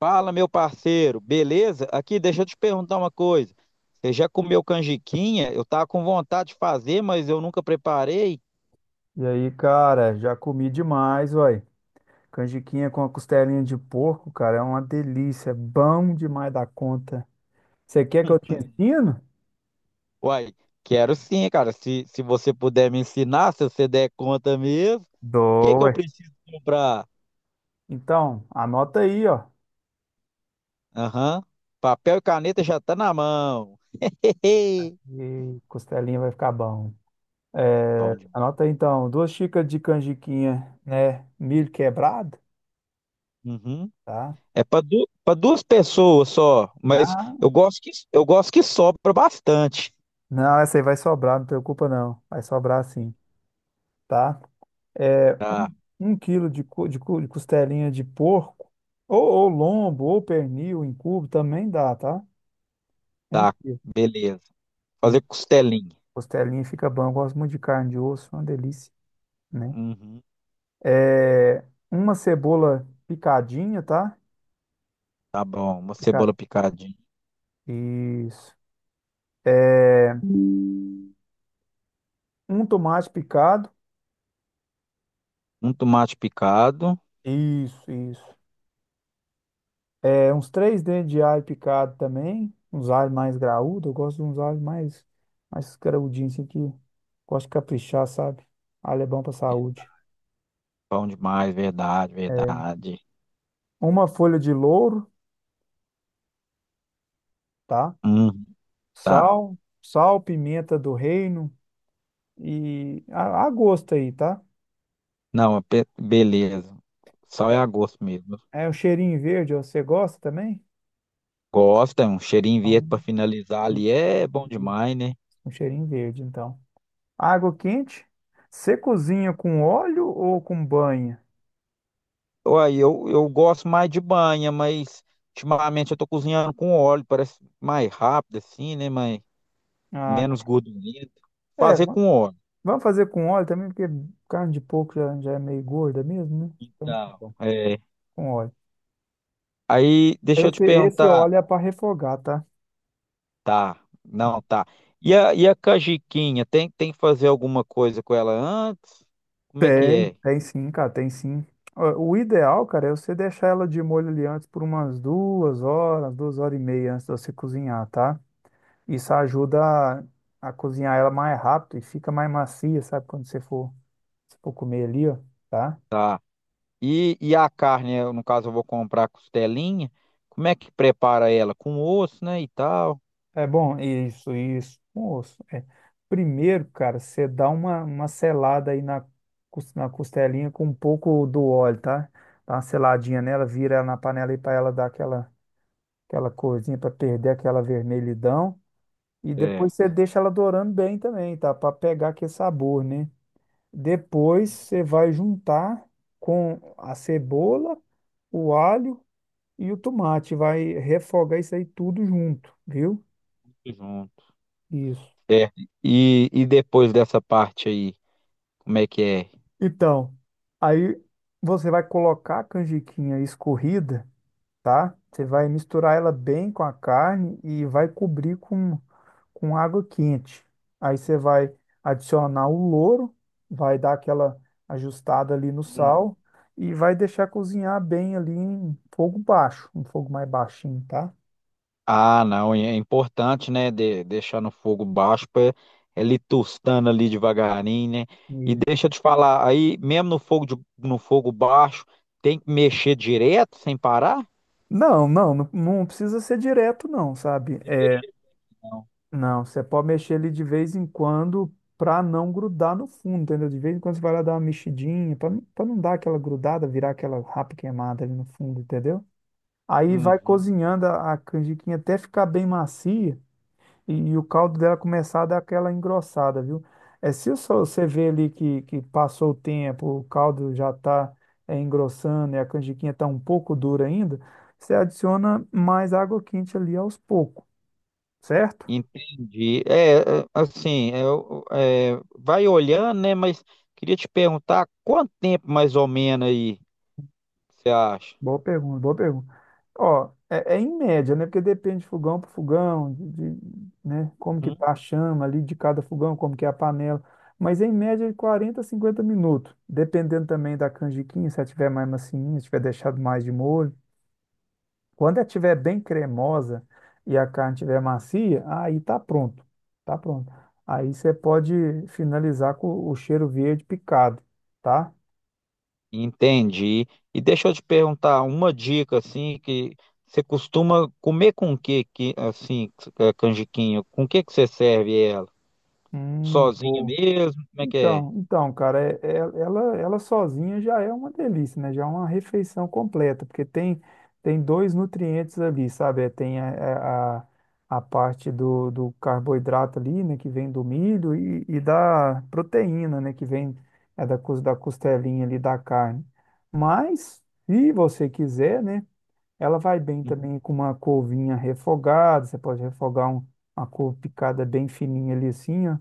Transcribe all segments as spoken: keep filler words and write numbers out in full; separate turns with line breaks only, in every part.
Fala, meu parceiro, beleza? Aqui, deixa eu te perguntar uma coisa. Você já comeu canjiquinha? Eu tava com vontade de fazer, mas eu nunca preparei.
E aí, cara, já comi demais, uai. Canjiquinha com a costelinha de porco, cara, é uma delícia. é Bom demais da conta. Você quer que eu te ensino?
Uai, quero sim, cara. Se, se você puder me ensinar, se você der conta mesmo, o que
Dou,
que eu
ué.
preciso comprar?
Então, anota aí, ó.
Aham, papel e caneta já tá na mão. Hehe.
E costelinha vai ficar bom.
Bom
É,
demais.
anota aí, então, duas xícaras de canjiquinha, né? Milho quebrado,
Uhum.
tá?
É para para duas pessoas só, mas eu gosto que eu gosto que sobra bastante.
Não, essa aí vai sobrar, não preocupa não. Vai sobrar sim, tá? É,
Tá,
um quilo de, co de, co de costelinha de porco, ou, ou lombo, ou pernil em cubo, também dá, tá? Um
tá,
quilo.
beleza.
E
Fazer costelinha.
costelinha fica bom, eu gosto muito de carne de osso, é uma delícia, né?
Uhum.
É, uma cebola picadinha, tá?
Tá bom, uma cebola
Picada.
picadinha,
Isso. É, um tomate picado.
um tomate picado.
Isso, isso. É, uns três dentes de alho picado também. Uns alhos mais graúdos. Eu gosto de uns alhos mais, mais graudinhos, assim, que gosto de caprichar, sabe? Alho é bom pra
É
saúde.
bom demais, verdade,
É,
verdade.
uma folha de louro, tá?
Uhum, tá.
Sal, sal, pimenta do reino e a, a gosto aí, tá?
Não, é pe- beleza. Só é a gosto mesmo.
É o cheirinho verde, ó, você gosta também?
Gosta, um cheirinho verde para finalizar ali é bom
Isso.
demais, né?
Um cheirinho verde, então. Água quente. Você cozinha com óleo ou com banha?
Uai, eu, eu gosto mais de banha, mas ultimamente eu tô cozinhando com óleo, parece mais rápido assim, né? Mas
Ah,
menos
cara.
gordurento.
É,
Fazer
va-
com óleo.
vamos fazer com óleo também, porque carne de porco já, já é meio gorda mesmo, né? Então, tá
Então,
bom.
é.
Com óleo.
Aí, deixa eu te
Esse, esse
perguntar.
óleo é para refogar, tá?
Tá, não, tá. E a, e a cajiquinha tem, tem que fazer alguma coisa com ela antes? Como é que
Tem,
é?
tem sim, cara, tem sim. Ó, o ideal, cara, é você deixar ela de molho ali antes por umas duas horas, duas horas e meia antes de você cozinhar, tá? Isso ajuda a, a cozinhar ela mais rápido e fica mais macia, sabe? Quando você for, se for comer ali, ó, tá?
Tá. E, e a carne, eu, no caso, eu vou comprar costelinha. Como é que prepara ela? Com osso, né, e tal?
É bom, isso, isso. Moço, é. Primeiro, cara, você dá uma, uma selada aí na, cos- na costelinha com um pouco do óleo, tá? Dá uma seladinha nela, vira ela na panela aí pra ela dar aquela aquela corzinha para perder aquela vermelhidão. E depois você
Certo.
deixa ela dourando bem também, tá? Para pegar aquele sabor, né? Depois
Uhum,
você vai juntar com a cebola, o alho e o tomate. Vai refogar isso aí tudo junto, viu?
tudo junto.
Isso.
Certo. E, e depois dessa parte aí, como é que é?
Então, aí você vai colocar a canjiquinha escorrida, tá? Você vai misturar ela bem com a carne e vai cobrir com, com água quente. Aí você vai adicionar o louro, vai dar aquela ajustada ali no sal e vai deixar cozinhar bem ali em fogo baixo, um fogo mais baixinho, tá?
Ah, não, e é importante, né, de- deixar no fogo baixo para ele tostando ali devagarinho, né? E
E-
deixa eu te falar, aí mesmo no fogo de- no fogo baixo, tem que mexer direto sem parar?
Não, não, não, não precisa ser direto, não, sabe?
De
É,
mexer. Não.
Não, você pode mexer ele de vez em quando para não grudar no fundo, entendeu? De vez em quando você vai lá dar uma mexidinha, para não, pra não dar aquela grudada, virar aquela rapa queimada ali no fundo, entendeu? Aí vai
Uhum.
cozinhando a, a canjiquinha até ficar bem macia e, e o caldo dela começar a dar aquela engrossada, viu? É, se só você vê ali que, que passou o tempo, o caldo já está engrossando e a canjiquinha está um pouco dura ainda, você adiciona mais água quente ali aos poucos, certo?
Entendi. É, é, assim, eu, é, vai olhando, né, mas queria te perguntar quanto tempo mais ou menos aí você acha?
Boa pergunta, boa pergunta. Ó, é, é em média, né? Porque depende de fogão para fogão, de, de, né? Como que tá a chama ali de cada fogão, como que é a panela. Mas em média de quarenta a cinquenta minutos. Dependendo também da canjiquinha, se ela tiver mais macinha, se tiver deixado mais de molho. Quando ela tiver bem cremosa e a carne tiver macia, aí tá pronto. Tá pronto. Aí você pode finalizar com o cheiro verde picado, tá?
Entendi. E deixa eu te perguntar uma dica assim que você costuma comer com o que que assim eh, canjiquinho? Com o que que você serve ela?
Hum,
Sozinha
boa.
mesmo? Como é que é?
Então, então, cara, é- é- ela, ela sozinha já é uma delícia, né? Já é uma refeição completa, porque tem, tem dois nutrientes ali, sabe? É, tem a, é, a, a parte do, do carboidrato ali, né? Que vem do milho e, e da proteína, né? Que vem é, da, cos- da costelinha ali da carne. Mas, se você quiser, né? Ela vai bem
Uhum.
também com uma couvinha refogada, você pode refogar um- uma couve picada bem fininha ali assim, ó.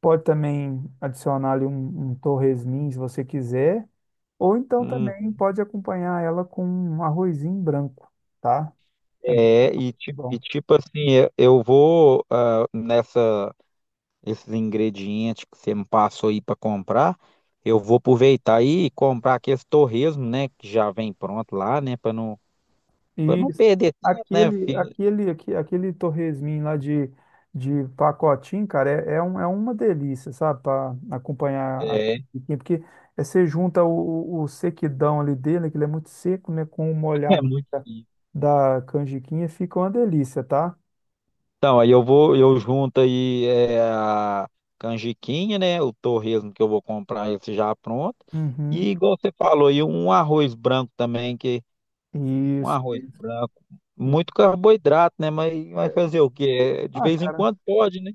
Pode também adicionar ali um, um torresmin, se você quiser, ou então
Hum.
também pode acompanhar ela com um arrozinho branco, tá? É muito
É, e, ti- e
bom.
tipo assim, eu eu vou ah, nessa esses ingredientes que você me passou aí para comprar, eu vou aproveitar aí e comprar aqueles torresmo, né, que já vem pronto lá, né, para não para
E
não perder tempo, né,
aquele,
filho?
aquele, aque- aquele torresmin lá de, de pacotinho, cara, é, é, um- é uma delícia, sabe? Para acompanhar, a
É,
comidinha, porque é, você junta o, o o sequidão ali dele, que ele é muito seco, né? Com o
é
molhado
muito
da, da canjiquinha, fica uma delícia, tá?
Então, aí eu vou, eu junto aí é, a canjiquinha, né? O torresmo que eu vou comprar esse já pronto.
Uhum.
E igual você falou aí, um arroz branco também, que um
Isso.
arroz branco, muito carboidrato, né? Mas vai fazer o quê? É, de
Ah,
vez em
cara,
quando pode, né?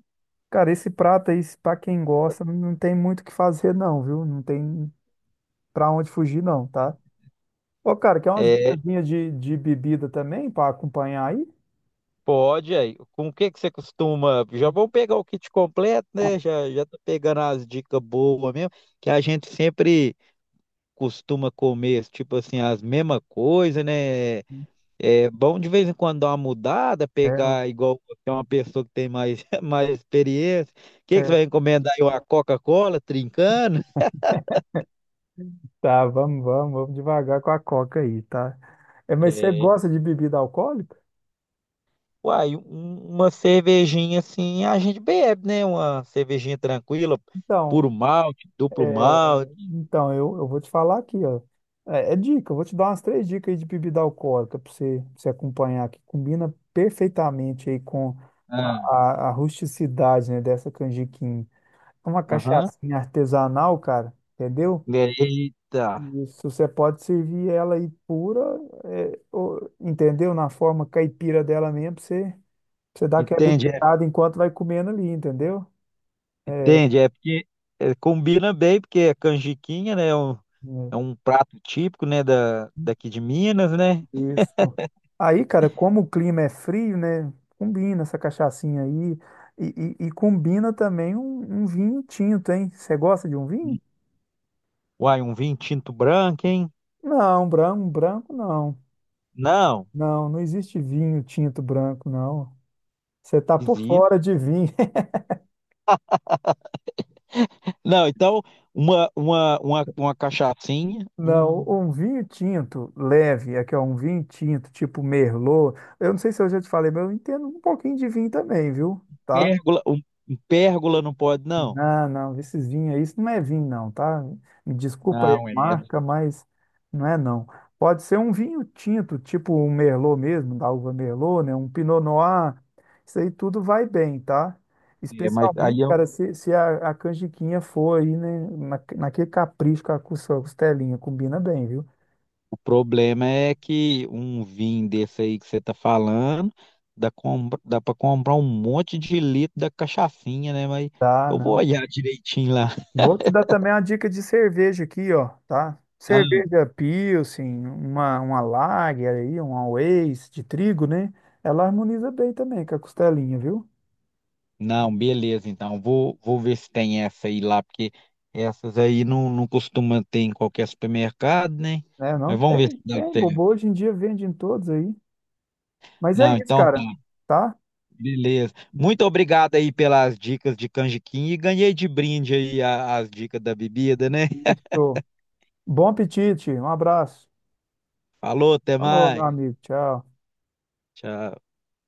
cara, esse prato aí, pra quem gosta, não tem muito o que fazer, não, viu? Não tem pra onde fugir, não, tá? Ô, cara, quer umas
É,
dicasinhas de, de bebida também pra acompanhar aí?
pode aí. Com o que que você costuma? Já vou pegar o kit completo, né? Já, já tô pegando as dicas boas mesmo, que a gente sempre costuma comer, tipo assim, as mesmas coisas, né? É bom de vez em quando dar uma mudada,
É, ué.
pegar igual você é uma pessoa que tem mais, mais experiência. O que, que você
É.
vai encomendar aí? Uma Coca-Cola trincando?
Tá, vamos, vamos, vamos devagar com a coca aí, tá? É, mas você
É.
gosta de bebida alcoólica?
Uai, um- uma cervejinha assim a gente bebe, né? Uma cervejinha tranquila,
Então,
puro malte, duplo
é,
malte.
então eu, eu vou te falar aqui, ó. É, é dica, eu vou te dar umas três dicas aí de bebida alcoólica pra você, pra você acompanhar, que combina perfeitamente aí com
Ah,
a, a rusticidade, né, dessa canjiquinha. É uma
aham.
cachaçinha artesanal, cara, entendeu?
Eita,
Isso, você pode servir ela aí pura, é, ou- entendeu? Na forma caipira dela mesmo, pra você, pra você dá aquela
entende? É,
beliscada enquanto vai comendo ali, entendeu? É,
entende? É porque é, combina bem, porque é canjiquinha, né? É um,
né,
é um prato típico, né? Da, daqui de Minas, né?
isso. Aí, cara, como o clima é frio, né? Combina essa cachaçinha aí. E, e- e combina também um, um vinho tinto, hein? Você gosta de um vinho?
Uai, um vinho tinto branco, hein?
Não, branco, branco não.
Não,
Não, não existe vinho tinto branco, não. Você tá por
dizia.
fora de vinho.
Não, então, uma, uma, uma, uma cachaçinha,
Não,
um
um vinho tinto leve, aqui é um vinho tinto tipo Merlot. Eu não sei se eu já te falei, mas eu entendo um pouquinho de vinho também, viu? Tá?
pérgola, um, um pérgola não pode, não.
Não, não, esses vinhos aí, isso não é vinho não, tá? Me desculpa aí a
Não, é,
marca, mas não é não. Pode ser um vinho tinto, tipo um Merlot mesmo, da uva Merlot, né? Um Pinot Noir, isso aí tudo vai bem, tá?
é, mas
Especialmente,
aí é um-
cara, se, se a, a canjiquinha for aí, né, na, naquele capricho com a cos- costelinha, combina bem, viu?
o problema é que um vinho desse aí que você tá falando, dá, compra, dá para comprar um monte de litro da cachaçinha, né? Mas
Tá,
eu vou
não.
olhar direitinho lá.
Vou te dar também uma dica de cerveja aqui, ó, tá? Cerveja Pilsen, uma, uma Lager aí, uma Weiss de trigo, né? Ela harmoniza bem também com a costelinha, viu?
Não, beleza, então. Vou, vou ver se tem essa aí lá, porque essas aí não, não costuma ter em qualquer supermercado, né?
Né, não
Mas vamos ver
tem,
se dá
tem bobo,
certo.
hoje em dia vende em todos aí. Mas é
Não,
isso,
então tá,
cara, tá?
beleza. Muito obrigado aí pelas dicas de canjiquinha e ganhei de brinde aí a- as dicas da bebida, né?
Isso. Bom apetite, um abraço.
Falou, até
Falou, meu
mais.
amigo, tchau.
Tchau.